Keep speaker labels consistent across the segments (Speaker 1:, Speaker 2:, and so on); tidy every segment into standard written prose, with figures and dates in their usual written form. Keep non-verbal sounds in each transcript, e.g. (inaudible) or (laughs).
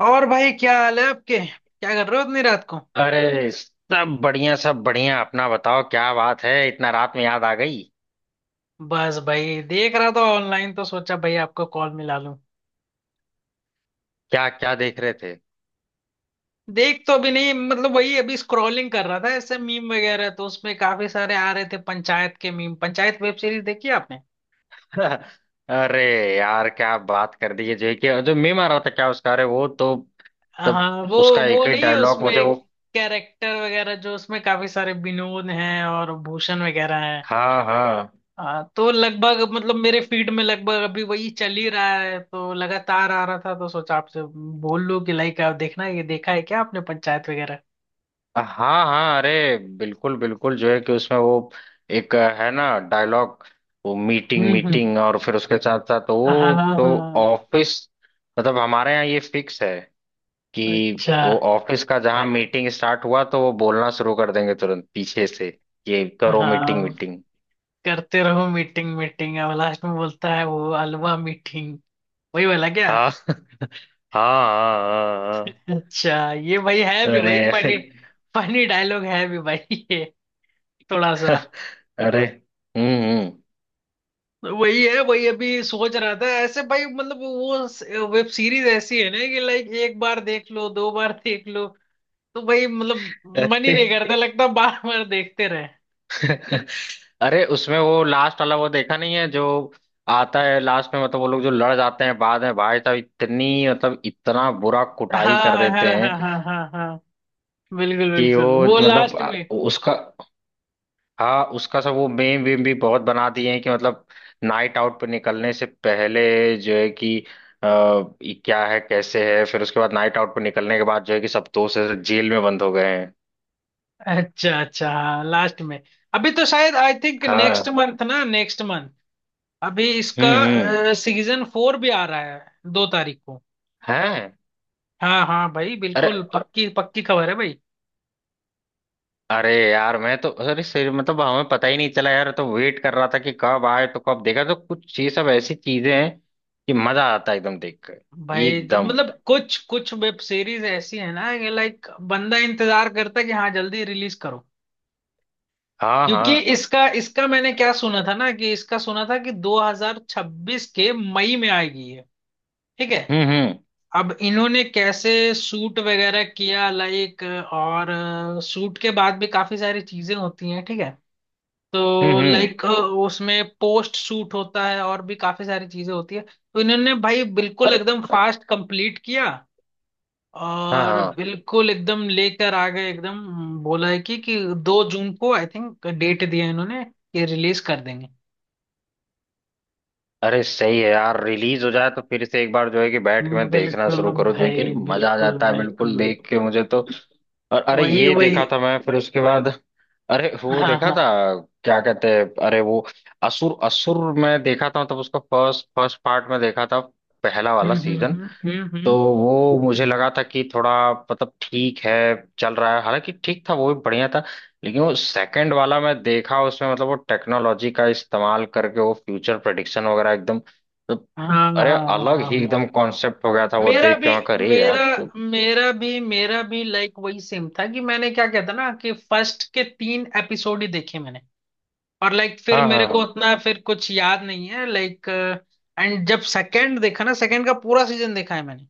Speaker 1: और भाई, क्या हाल है आपके? क्या कर रहे हो इतनी रात को?
Speaker 2: अरे सब बढ़िया सब बढ़िया। अपना बताओ, क्या बात है, इतना रात में याद आ गई।
Speaker 1: बस भाई, देख रहा था ऑनलाइन, तो सोचा भाई आपको कॉल मिला लूं।
Speaker 2: क्या क्या देख रहे थे?
Speaker 1: देख तो अभी नहीं, मतलब वही, अभी स्क्रॉलिंग कर रहा था ऐसे, मीम वगैरह तो उसमें काफी सारे आ रहे थे पंचायत के मीम। पंचायत वेब सीरीज देखी आपने?
Speaker 2: (laughs) अरे यार, क्या बात कर दी है। जो कि जो मीम आ रहा था क्या उसका, अरे वो तो तब
Speaker 1: हाँ, वो
Speaker 2: उसका
Speaker 1: वो
Speaker 2: एक ही
Speaker 1: नहीं है
Speaker 2: डायलॉग
Speaker 1: उसमें।
Speaker 2: मुझे वो।
Speaker 1: कैरेक्टर वगैरह जो उसमें, काफी सारे विनोद हैं और भूषण वगैरह।
Speaker 2: हाँ हाँ
Speaker 1: हाँ, तो लगभग मतलब मेरे फीड में लगभग अभी वही चल ही रहा है, तो लगातार आ रहा था, तो सोचा आपसे बोल लूं कि लाइक आप देखना, ये देखा है क्या आपने पंचायत वगैरह?
Speaker 2: हाँ हाँ, अरे बिल्कुल बिल्कुल। जो है कि उसमें वो एक है ना डायलॉग, वो मीटिंग
Speaker 1: हम्म।
Speaker 2: मीटिंग, और फिर उसके साथ साथ
Speaker 1: हाँ।
Speaker 2: वो तो
Speaker 1: हाँ।
Speaker 2: ऑफिस, मतलब हमारे यहाँ ये फिक्स है कि
Speaker 1: अच्छा।
Speaker 2: वो ऑफिस का जहां मीटिंग स्टार्ट हुआ तो वो बोलना शुरू कर देंगे तुरंत पीछे से, ये करो मीटिंग
Speaker 1: हाँ।
Speaker 2: मीटिंग।
Speaker 1: करते रहो मीटिंग मीटिंग। अब लास्ट में बोलता है वो, अलवा मीटिंग। वही वाला क्या?
Speaker 2: हाँ (laughs) हाँ हाँ हाँ हाँ।
Speaker 1: अच्छा, ये भाई है भी
Speaker 2: अरे,
Speaker 1: भाई फनी। फनी डायलॉग है भी भाई ये, थोड़ा सा।
Speaker 2: अरे हम्म हम्म,
Speaker 1: वही है, वही अभी सोच रहा था ऐसे भाई, मतलब वो वेब सीरीज ऐसी है ना कि लाइक एक बार देख लो, दो बार देख लो। तो भाई मतलब मन ही
Speaker 2: अरे।
Speaker 1: नहीं करता, लगता बार बार देखते रहे।
Speaker 2: (laughs) अरे, उसमें वो लास्ट वाला वो देखा नहीं है जो आता है लास्ट में, मतलब वो लोग जो लड़ जाते हैं बाद में, भाई साहब इतनी मतलब इतना बुरा कुटाई
Speaker 1: हाँ
Speaker 2: कर
Speaker 1: हाँ,
Speaker 2: देते हैं
Speaker 1: हाँ हाँ, हाँ हाँ। बिल्कुल
Speaker 2: कि
Speaker 1: बिल्कुल,
Speaker 2: वो
Speaker 1: वो
Speaker 2: मतलब
Speaker 1: लास्ट में।
Speaker 2: उसका, हाँ उसका सब वो मेम वेम भी बहुत बना दिए हैं कि मतलब नाइट आउट पे निकलने से पहले जो है कि अ, ये क्या है कैसे है, फिर उसके बाद नाइट आउट पे निकलने के बाद जो है कि सब दोस्त ऐसे जेल में बंद हो गए हैं।
Speaker 1: अच्छा अच्छा, हाँ लास्ट में। अभी तो शायद आई थिंक नेक्स्ट
Speaker 2: हाँ।
Speaker 1: मंथ ना, नेक्स्ट मंथ। अभी
Speaker 2: हम्म हम्म
Speaker 1: इसका सीजन फोर भी आ रहा है, 2 तारीख को।
Speaker 2: हैं?
Speaker 1: हाँ हाँ भाई,
Speaker 2: अरे
Speaker 1: बिल्कुल पक्की पक्की खबर है भाई।
Speaker 2: अरे यार, मैं तो अरे सर मतलब हमें पता ही नहीं चला यार, तो वेट कर रहा था कि कब आए तो कब देखा, तो कुछ ये सब ऐसी चीजें हैं कि मजा आता है एकदम देख कर।
Speaker 1: भाई
Speaker 2: एकदम।
Speaker 1: मतलब कुछ कुछ वेब सीरीज ऐसी है ना कि लाइक बंदा इंतजार करता है कि हाँ जल्दी रिलीज करो।
Speaker 2: हाँ
Speaker 1: क्योंकि
Speaker 2: हाँ।
Speaker 1: इसका इसका मैंने क्या सुना था ना, कि इसका सुना था कि 2026 के मई में आएगी ये, ठीक है।
Speaker 2: हम्म।
Speaker 1: अब इन्होंने कैसे शूट वगैरह किया लाइक, और शूट के बाद भी काफी सारी चीजें होती हैं, ठीक है। तो
Speaker 2: हम्म।
Speaker 1: लाइक उसमें पोस्ट शूट होता है, और भी काफी सारी चीजें होती है। तो इन्होंने भाई बिल्कुल
Speaker 2: अरे।
Speaker 1: एकदम फास्ट कंप्लीट किया,
Speaker 2: हाँ
Speaker 1: और
Speaker 2: हाँ।
Speaker 1: बिल्कुल एकदम लेकर आ गए एकदम। बोला है कि 2 जून को आई थिंक डेट दिया है इन्होंने कि रिलीज कर देंगे।
Speaker 2: अरे सही है यार, रिलीज हो जाए तो फिर से एक बार जो है कि बैठ के मैं देखना
Speaker 1: बिल्कुल
Speaker 2: शुरू करूँ, जो है कि अरे
Speaker 1: भाई,
Speaker 2: मजा आ
Speaker 1: बिल्कुल
Speaker 2: जाता है बिल्कुल
Speaker 1: बिल्कुल,
Speaker 2: देख के मुझे तो। और अरे
Speaker 1: वही
Speaker 2: ये
Speaker 1: वही।
Speaker 2: देखा था मैं फिर उसके बाद, अरे वो
Speaker 1: हाँ
Speaker 2: देखा था,
Speaker 1: हाँ।
Speaker 2: क्या कहते हैं अरे वो असुर, असुर मैं देखा था। तब उसका फर्स्ट फर्स्ट पार्ट में देखा था, पहला वाला
Speaker 1: हम्म,
Speaker 2: सीजन। तो वो मुझे लगा था कि थोड़ा मतलब ठीक है, चल रहा है, हालांकि ठीक था वो भी, बढ़िया था। लेकिन वो सेकंड वाला मैं देखा, उसमें मतलब वो टेक्नोलॉजी का इस्तेमाल करके वो फ्यूचर प्रेडिक्शन वगैरह एकदम तो,
Speaker 1: हाँ हाँ
Speaker 2: अरे
Speaker 1: हाँ हाँ,
Speaker 2: अलग ही
Speaker 1: हाँ। हाँ।
Speaker 2: एकदम कॉन्सेप्ट हो गया था। वो
Speaker 1: मेरा
Speaker 2: देख
Speaker 1: भी
Speaker 2: के मैं कर रही यार
Speaker 1: मेरा
Speaker 2: तो,
Speaker 1: मेरा भी लाइक वही सेम था, कि मैंने क्या कहता ना कि फर्स्ट के तीन एपिसोड ही देखे मैंने। और लाइक फिर
Speaker 2: हाँ
Speaker 1: मेरे
Speaker 2: हाँ
Speaker 1: को
Speaker 2: हाँ,
Speaker 1: उतना फिर कुछ याद नहीं है लाइक। एंड जब सेकंड देखा ना, सेकंड का पूरा सीजन देखा है मैंने,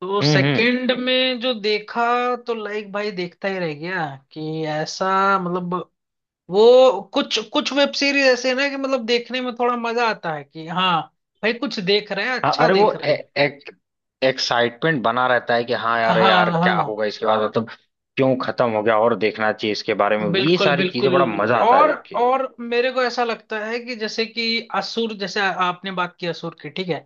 Speaker 1: तो
Speaker 2: हम्म,
Speaker 1: सेकंड में जो देखा, तो लाइक भाई देखता ही रह गया, कि ऐसा। मतलब वो कुछ कुछ वेब सीरीज ऐसे है ना कि मतलब देखने में थोड़ा मजा आता है कि हाँ भाई कुछ देख रहे हैं,
Speaker 2: हाँ
Speaker 1: अच्छा
Speaker 2: अरे वो
Speaker 1: देख रहे हैं।
Speaker 2: एक एक्साइटमेंट बना रहता है कि हाँ
Speaker 1: हाँ
Speaker 2: यार यार क्या
Speaker 1: हाँ,
Speaker 2: होगा इसके बाद, मतलब क्यों खत्म हो गया, और देखना चाहिए इसके बारे में, ये
Speaker 1: बिल्कुल
Speaker 2: सारी चीजें बड़ा
Speaker 1: बिल्कुल।
Speaker 2: मजा आता है
Speaker 1: और
Speaker 2: देख के।
Speaker 1: और मेरे को ऐसा लगता है कि जैसे कि असुर, जैसे आपने बात की असुर की, ठीक है।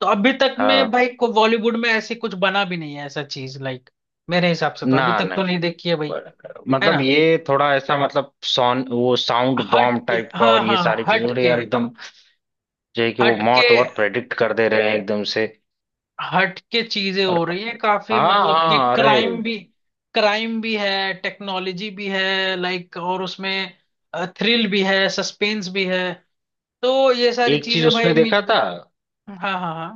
Speaker 1: तो अभी तक में
Speaker 2: हाँ।
Speaker 1: भाई को बॉलीवुड में ऐसी कुछ बना भी नहीं है, ऐसा चीज लाइक। मेरे हिसाब से तो
Speaker 2: ना
Speaker 1: अभी तक
Speaker 2: ना,
Speaker 1: तो नहीं देखी है भाई, है ना?
Speaker 2: मतलब ये थोड़ा ऐसा मतलब साउंड, वो साउंड
Speaker 1: हट
Speaker 2: बॉम्ब
Speaker 1: के,
Speaker 2: टाइप का
Speaker 1: हाँ
Speaker 2: और ये
Speaker 1: हाँ,
Speaker 2: सारी
Speaker 1: हट
Speaker 2: चीजों, अरे
Speaker 1: के।
Speaker 2: यार एकदम जो है कि वो
Speaker 1: हट के,
Speaker 2: मौत बहुत प्रेडिक्ट कर दे रहे हैं एकदम से।
Speaker 1: हट के चीजें हो
Speaker 2: और
Speaker 1: रही है काफी,
Speaker 2: हाँ
Speaker 1: मतलब कि
Speaker 2: हाँ, अरे
Speaker 1: क्राइम भी। क्राइम भी है, टेक्नोलॉजी भी है लाइक, और उसमें थ्रिल भी है, सस्पेंस भी है। तो ये सारी
Speaker 2: एक चीज
Speaker 1: चीजें भाई
Speaker 2: उसमें
Speaker 1: मिल।
Speaker 2: देखा था
Speaker 1: हाँ हाँ हाँ।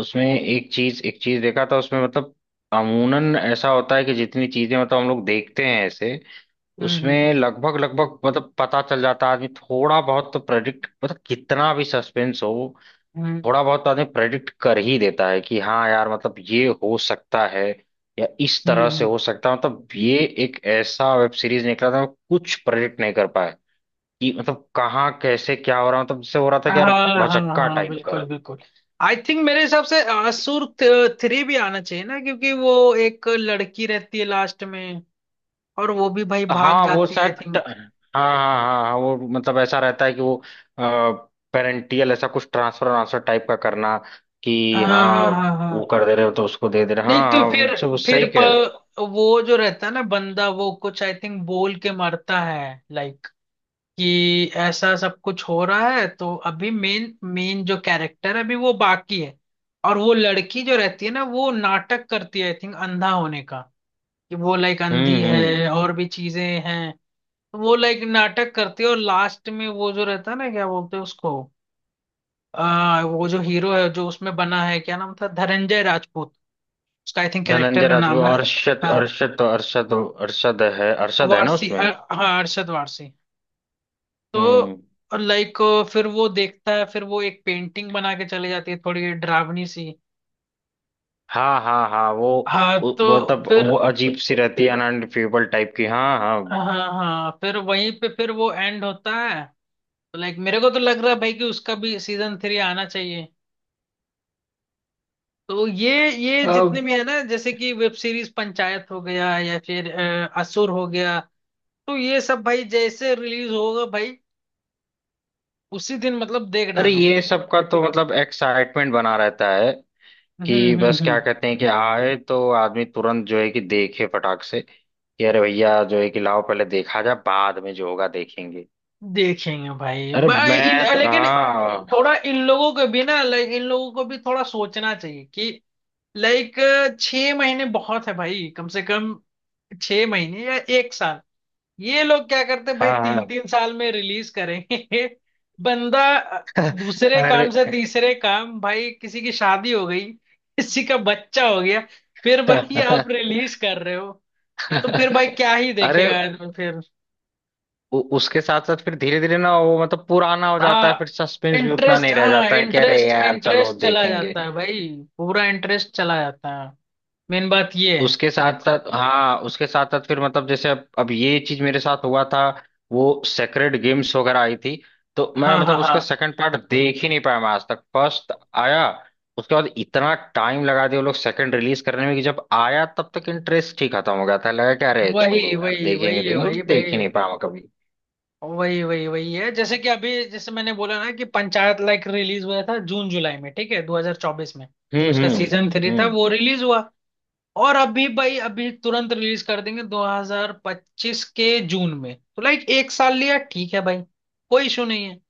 Speaker 2: उसमें, एक चीज देखा था उसमें, मतलब अमूनन ऐसा होता है कि जितनी चीजें मतलब हम लोग देखते हैं ऐसे, उसमें
Speaker 1: हम्म,
Speaker 2: लगभग लगभग मतलब पता चल जाता है। आदमी थोड़ा बहुत तो प्रेडिक्ट मतलब कितना भी सस्पेंस हो,
Speaker 1: हम्म
Speaker 2: थोड़ा बहुत आदमी प्रेडिक्ट कर ही देता है कि हाँ यार मतलब ये हो सकता है या इस तरह से
Speaker 1: हम्म।
Speaker 2: हो सकता है, मतलब ये एक ऐसा वेब सीरीज निकला था कुछ प्रेडिक्ट नहीं कर पाए कि मतलब कहाँ कैसे क्या हो रहा है। मतलब जिससे हो रहा था कि यार
Speaker 1: हाँ हाँ
Speaker 2: भौचक्का
Speaker 1: हाँ,
Speaker 2: टाइप
Speaker 1: बिल्कुल
Speaker 2: का।
Speaker 1: बिल्कुल। आई थिंक मेरे हिसाब से असुर थ्री भी आना चाहिए ना, क्योंकि वो एक लड़की रहती है लास्ट में, और वो भी भाई भाग
Speaker 2: हाँ वो
Speaker 1: जाती है आई
Speaker 2: शायद
Speaker 1: थिंक।
Speaker 2: हाँ हाँ हाँ हाँ, वो मतलब ऐसा रहता है कि वो पेरेंटियल ऐसा कुछ ट्रांसफर ट्रांसफर टाइप का करना कि
Speaker 1: हाँ हाँ
Speaker 2: हाँ
Speaker 1: हाँ
Speaker 2: वो
Speaker 1: हाँ।
Speaker 2: कर दे रहे हो तो उसको दे दे रहे हो।
Speaker 1: नहीं
Speaker 2: हाँ
Speaker 1: तो
Speaker 2: हाँ, वो
Speaker 1: फिर,
Speaker 2: सब
Speaker 1: फिर
Speaker 2: सही कह रहे हो।
Speaker 1: प, वो जो रहता है ना बंदा, वो कुछ आई थिंक बोल के मरता है लाइक, कि ऐसा सब कुछ हो रहा है, तो अभी मेन मेन जो कैरेक्टर है अभी वो बाकी है। और वो लड़की जो रहती है ना, वो नाटक करती है आई थिंक अंधा होने का, कि वो लाइक अंधी
Speaker 2: हम्म।
Speaker 1: है, और भी चीजें हैं। तो वो लाइक नाटक करती है, और लास्ट में वो जो रहता है ना, क्या बोलते हैं उसको, वो जो हीरो है जो उसमें बना है, क्या नाम था, धनंजय राजपूत उसका आई थिंक कैरेक्टर
Speaker 2: धनंजय
Speaker 1: का नाम
Speaker 2: राजपूत,
Speaker 1: है।
Speaker 2: अरशद
Speaker 1: हाँ
Speaker 2: अरशद अरशद, अरशद है, अरशद है ना
Speaker 1: वारसी,
Speaker 2: उसमें।
Speaker 1: हाँ अरशद वारसी।
Speaker 2: हम्म।
Speaker 1: तो लाइक फिर वो देखता है, फिर वो एक पेंटिंग बना के चले जाती है, थोड़ी डरावनी सी।
Speaker 2: हाँ हाँ हाँ,
Speaker 1: हाँ,
Speaker 2: वो
Speaker 1: तो
Speaker 2: मतलब
Speaker 1: फिर,
Speaker 2: वो अजीब सी रहती है, अनअनफीबल टाइप की। हाँ हाँ।
Speaker 1: हाँ हाँ, फिर वहीं पे फिर वो एंड होता है। तो लाइक मेरे को तो लग रहा है भाई कि उसका भी सीजन थ्री आना चाहिए। तो ये जितने
Speaker 2: अब
Speaker 1: भी है ना, जैसे कि वेब सीरीज पंचायत हो गया, या फिर असुर हो गया, तो ये सब भाई जैसे रिलीज होगा भाई, उसी दिन मतलब देख
Speaker 2: अरे
Speaker 1: डालो।
Speaker 2: ये सबका तो मतलब एक्साइटमेंट बना रहता है
Speaker 1: हम्म
Speaker 2: कि
Speaker 1: हम्म,
Speaker 2: बस क्या
Speaker 1: हम्म।
Speaker 2: कहते हैं कि आए तो आदमी तुरंत जो है कि देखे फटाक से कि अरे भैया जो है कि लाओ पहले देखा जा, बाद में जो होगा देखेंगे।
Speaker 1: देखेंगे भाई।
Speaker 2: अरे
Speaker 1: भाई इन
Speaker 2: मैं तो
Speaker 1: लेकिन,
Speaker 2: हाँ
Speaker 1: थोड़ा इन लोगों को भी ना लाइक, इन लोगों को भी थोड़ा सोचना चाहिए कि लाइक 6 महीने बहुत है भाई, कम से कम 6 महीने या एक साल। ये लोग क्या करते हैं भाई,
Speaker 2: हाँ
Speaker 1: तीन
Speaker 2: हाँ।
Speaker 1: तीन साल में रिलीज करेंगे। (laughs) बंदा
Speaker 2: (laughs)
Speaker 1: दूसरे काम
Speaker 2: अरे।
Speaker 1: से तीसरे काम, भाई किसी की शादी हो गई, किसी का बच्चा हो गया, फिर भाई आप
Speaker 2: (laughs)
Speaker 1: रिलीज कर रहे हो, तो फिर भाई क्या ही
Speaker 2: अरे,
Speaker 1: देखेगा आदमी फिर।
Speaker 2: उसके साथ साथ फिर धीरे धीरे ना वो मतलब पुराना हो जाता है,
Speaker 1: हाँ
Speaker 2: फिर सस्पेंस भी उतना
Speaker 1: इंटरेस्ट,
Speaker 2: नहीं रह
Speaker 1: हाँ
Speaker 2: जाता है कि अरे
Speaker 1: इंटरेस्ट
Speaker 2: यार चलो
Speaker 1: इंटरेस्ट चला
Speaker 2: देखेंगे।
Speaker 1: जाता है भाई, पूरा इंटरेस्ट चला जाता है। मेन बात ये है।
Speaker 2: उसके साथ साथ हाँ, उसके साथ साथ फिर मतलब जैसे अब ये चीज मेरे साथ हुआ था, वो सेक्रेड गेम्स वगैरह आई थी, तो मैं
Speaker 1: हाँ
Speaker 2: मतलब
Speaker 1: हाँ
Speaker 2: उसका
Speaker 1: हाँ।
Speaker 2: सेकंड पार्ट देख ही नहीं पाया मैं आज तक। फर्स्ट आया, उसके बाद इतना टाइम लगा दिया वो लोग सेकंड रिलीज करने में कि जब आया तब तक इंटरेस्ट ही खत्म हो गया था, लगा कि अरे
Speaker 1: वही
Speaker 2: छोड़ो यार
Speaker 1: वही
Speaker 2: देखेंगे,
Speaker 1: वही है
Speaker 2: लेकिन
Speaker 1: वही
Speaker 2: देख
Speaker 1: भाई।
Speaker 2: ही नहीं पाया मैं कभी।
Speaker 1: वही वही वही है, जैसे कि अभी जैसे मैंने बोला ना कि पंचायत लाइक रिलीज हुआ था जून जुलाई में, ठीक है, 2024 में।
Speaker 2: हम्म
Speaker 1: उसका
Speaker 2: हम्म
Speaker 1: सीजन थ्री था,
Speaker 2: हम्म।
Speaker 1: वो रिलीज हुआ, और अभी भाई अभी तुरंत रिलीज कर देंगे 2025 के जून में, तो लाइक एक साल लिया, ठीक है भाई, कोई इशू नहीं है।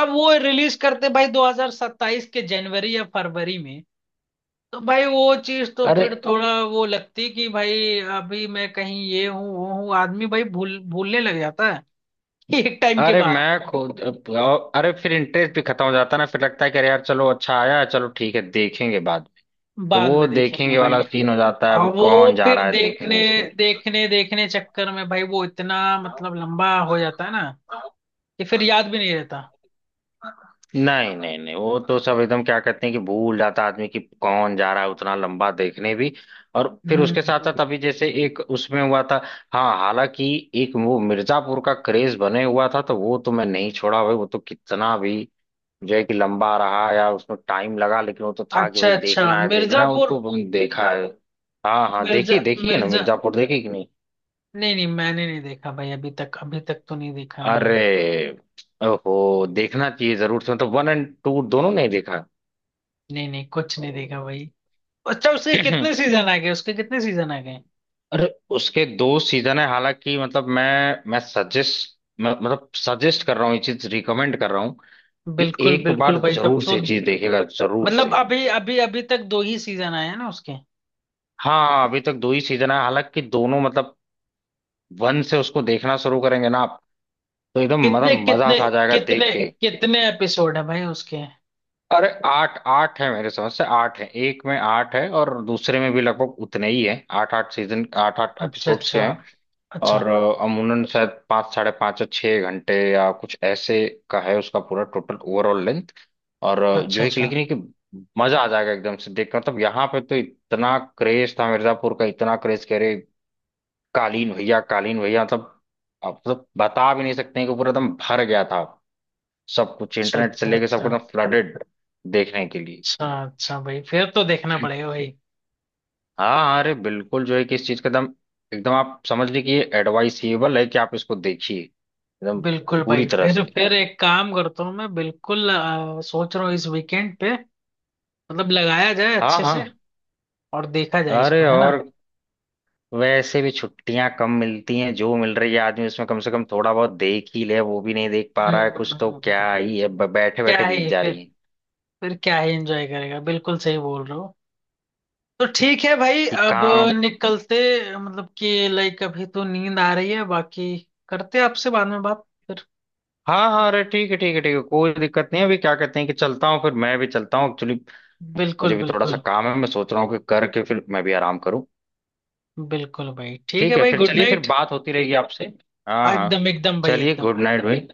Speaker 1: अब वो रिलीज करते भाई 2027 के जनवरी या फरवरी में, तो भाई वो चीज तो
Speaker 2: अरे
Speaker 1: फिर थोड़ा वो लगती कि भाई अभी मैं कहीं ये हूँ वो हूँ, आदमी भाई भूलने लग जाता है। (laughs) एक टाइम के
Speaker 2: अरे
Speaker 1: बाद।
Speaker 2: मैं खुद, अरे फिर इंटरेस्ट भी खत्म हो जाता है ना, फिर लगता है कि अरे यार चलो अच्छा आया है, चलो ठीक है देखेंगे बाद में। तो
Speaker 1: बाद
Speaker 2: वो
Speaker 1: में देखेंगे
Speaker 2: देखेंगे वाला
Speaker 1: भाई।
Speaker 2: सीन हो जाता है,
Speaker 1: और
Speaker 2: अब कौन
Speaker 1: वो
Speaker 2: जा
Speaker 1: फिर
Speaker 2: रहा है
Speaker 1: देखने
Speaker 2: देखने उसको।
Speaker 1: देखने देखने चक्कर में भाई, वो इतना मतलब लंबा हो जाता है ना, कि फिर याद भी नहीं रहता।
Speaker 2: नहीं नहीं नहीं, वो तो सब एकदम क्या कहते हैं कि भूल जाता है आदमी कि कौन जा रहा है उतना लंबा देखने भी। और
Speaker 1: हम्म
Speaker 2: फिर उसके साथ
Speaker 1: हम्म।
Speaker 2: साथ अभी जैसे एक उसमें हुआ था, हाँ हालांकि एक वो मिर्जापुर का क्रेज बने हुआ था, तो वो तो मैं नहीं छोड़ा भाई। वो तो कितना भी जो है कि लंबा रहा या उसमें टाइम लगा, लेकिन वो तो था कि
Speaker 1: अच्छा
Speaker 2: भाई
Speaker 1: अच्छा
Speaker 2: देखना है देखना है, वो
Speaker 1: मिर्जापुर।
Speaker 2: तो हमने देखा है। हाँ हाँ
Speaker 1: मिर्जा
Speaker 2: देखिए देखिए ना
Speaker 1: मिर्जा
Speaker 2: मिर्जापुर, देखिए कि नहीं?
Speaker 1: नहीं नहीं, मैंने नहीं देखा भाई अभी तक तो नहीं देखा मैंने।
Speaker 2: अरे ओहो, देखना चाहिए जरूर से, मतलब वन एंड टू दोनों नहीं देखा?
Speaker 1: नहीं नहीं, कुछ नहीं देखा भाई। अच्छा उसके कितने
Speaker 2: (clears throat)
Speaker 1: सीजन आ गए, उसके कितने सीजन आ गए?
Speaker 2: अरे उसके दो सीजन है, हालांकि मतलब मैं सजेस्ट सजेस्ट कर रहा हूँ, ये चीज रिकमेंड कर रहा हूँ कि
Speaker 1: बिल्कुल
Speaker 2: एक
Speaker 1: बिल्कुल
Speaker 2: बार
Speaker 1: भाई, तब
Speaker 2: जरूर
Speaker 1: तो।
Speaker 2: से चीज देखेगा, जरूर
Speaker 1: मतलब
Speaker 2: से।
Speaker 1: अभी अभी अभी तक दो ही सीजन आए हैं ना उसके?
Speaker 2: हाँ अभी तक दो ही सीजन है, हालांकि दोनों मतलब वन से उसको देखना शुरू करेंगे ना, तो एकदम मतलब
Speaker 1: कितने
Speaker 2: मजा
Speaker 1: कितने
Speaker 2: सा आ जाएगा
Speaker 1: कितने
Speaker 2: देख के।
Speaker 1: कितने एपिसोड है भाई उसके?
Speaker 2: अरे आठ आठ है मेरे समझ से, आठ है एक में, आठ है और दूसरे में भी लगभग उतने ही है, आठ आठ सीजन आठ आठ
Speaker 1: अच्छा
Speaker 2: एपिसोड्स
Speaker 1: अच्छा।
Speaker 2: के हैं।
Speaker 1: अच्छा
Speaker 2: और अमूमन शायद पाँच साढ़े पाँच या छः घंटे या कुछ ऐसे का है उसका पूरा टोटल ओवरऑल लेंथ। और जो
Speaker 1: अच्छा
Speaker 2: है कि
Speaker 1: अच्छा
Speaker 2: लेकिन ये कि मजा आ जाएगा एकदम से देख कर, मतलब यहाँ पे तो इतना क्रेज था मिर्जापुर का, इतना क्रेज कह रहे, कालीन भैया कालीन भैया, मतलब आप मतलब बता भी नहीं सकते हैं कि पूरा एकदम भर गया था। सब कुछ
Speaker 1: अच्छा।
Speaker 2: इंटरनेट से
Speaker 1: अच्छा
Speaker 2: लेके सब कुछ
Speaker 1: अच्छा।
Speaker 2: एकदम फ्लडेड देखने के लिए।
Speaker 1: अच्छा अच्छा, भाई फिर तो देखना पड़ेगा भाई।
Speaker 2: हाँ अरे बिल्कुल जो है कि इस चीज का एकदम, एकदम आप समझ लीजिए कि ये एडवाइसेबल है कि आप इसको देखिए एकदम
Speaker 1: बिल्कुल
Speaker 2: पूरी
Speaker 1: भाई,
Speaker 2: तरह
Speaker 1: फिर
Speaker 2: से।
Speaker 1: फिर एक काम करता हूँ मैं बिल्कुल, सोच रहा हूँ इस वीकेंड पे मतलब लगाया जाए
Speaker 2: हाँ
Speaker 1: अच्छे
Speaker 2: हाँ,
Speaker 1: से, और देखा जाए इसको,
Speaker 2: अरे
Speaker 1: है ना?
Speaker 2: और वैसे भी छुट्टियां कम मिलती हैं, जो मिल रही है आदमी उसमें कम से कम थोड़ा बहुत देख ही ले, वो भी नहीं देख पा रहा है कुछ तो
Speaker 1: हम्म,
Speaker 2: क्या ही है, बैठे बैठे
Speaker 1: क्या
Speaker 2: बीत
Speaker 1: ही
Speaker 2: जा रही
Speaker 1: फिर
Speaker 2: है।
Speaker 1: फिर क्या ही एंजॉय करेगा, बिल्कुल सही बोल रहे हो। तो ठीक है भाई,
Speaker 2: कि
Speaker 1: अब
Speaker 2: काम,
Speaker 1: निकलते, मतलब कि लाइक अभी तो नींद आ रही है बाकी, करते हैं आपसे बाद में बात फिर।
Speaker 2: हाँ हाँ अरे ठीक है ठीक है ठीक है, कोई दिक्कत नहीं है, अभी क्या कहते हैं कि चलता हूँ, फिर मैं भी चलता हूँ एक्चुअली। मुझे
Speaker 1: बिल्कुल
Speaker 2: भी थोड़ा सा
Speaker 1: बिल्कुल,
Speaker 2: काम है, मैं सोच रहा हूँ कि करके फिर मैं भी आराम करूँ।
Speaker 1: बिल्कुल भाई, ठीक है
Speaker 2: ठीक है
Speaker 1: भाई,
Speaker 2: फिर,
Speaker 1: गुड
Speaker 2: चलिए फिर
Speaker 1: नाइट।
Speaker 2: बात होती रहेगी आपसे। हाँ हाँ
Speaker 1: एकदम एकदम भाई,
Speaker 2: चलिए,
Speaker 1: एकदम।
Speaker 2: गुड नाइट भाई।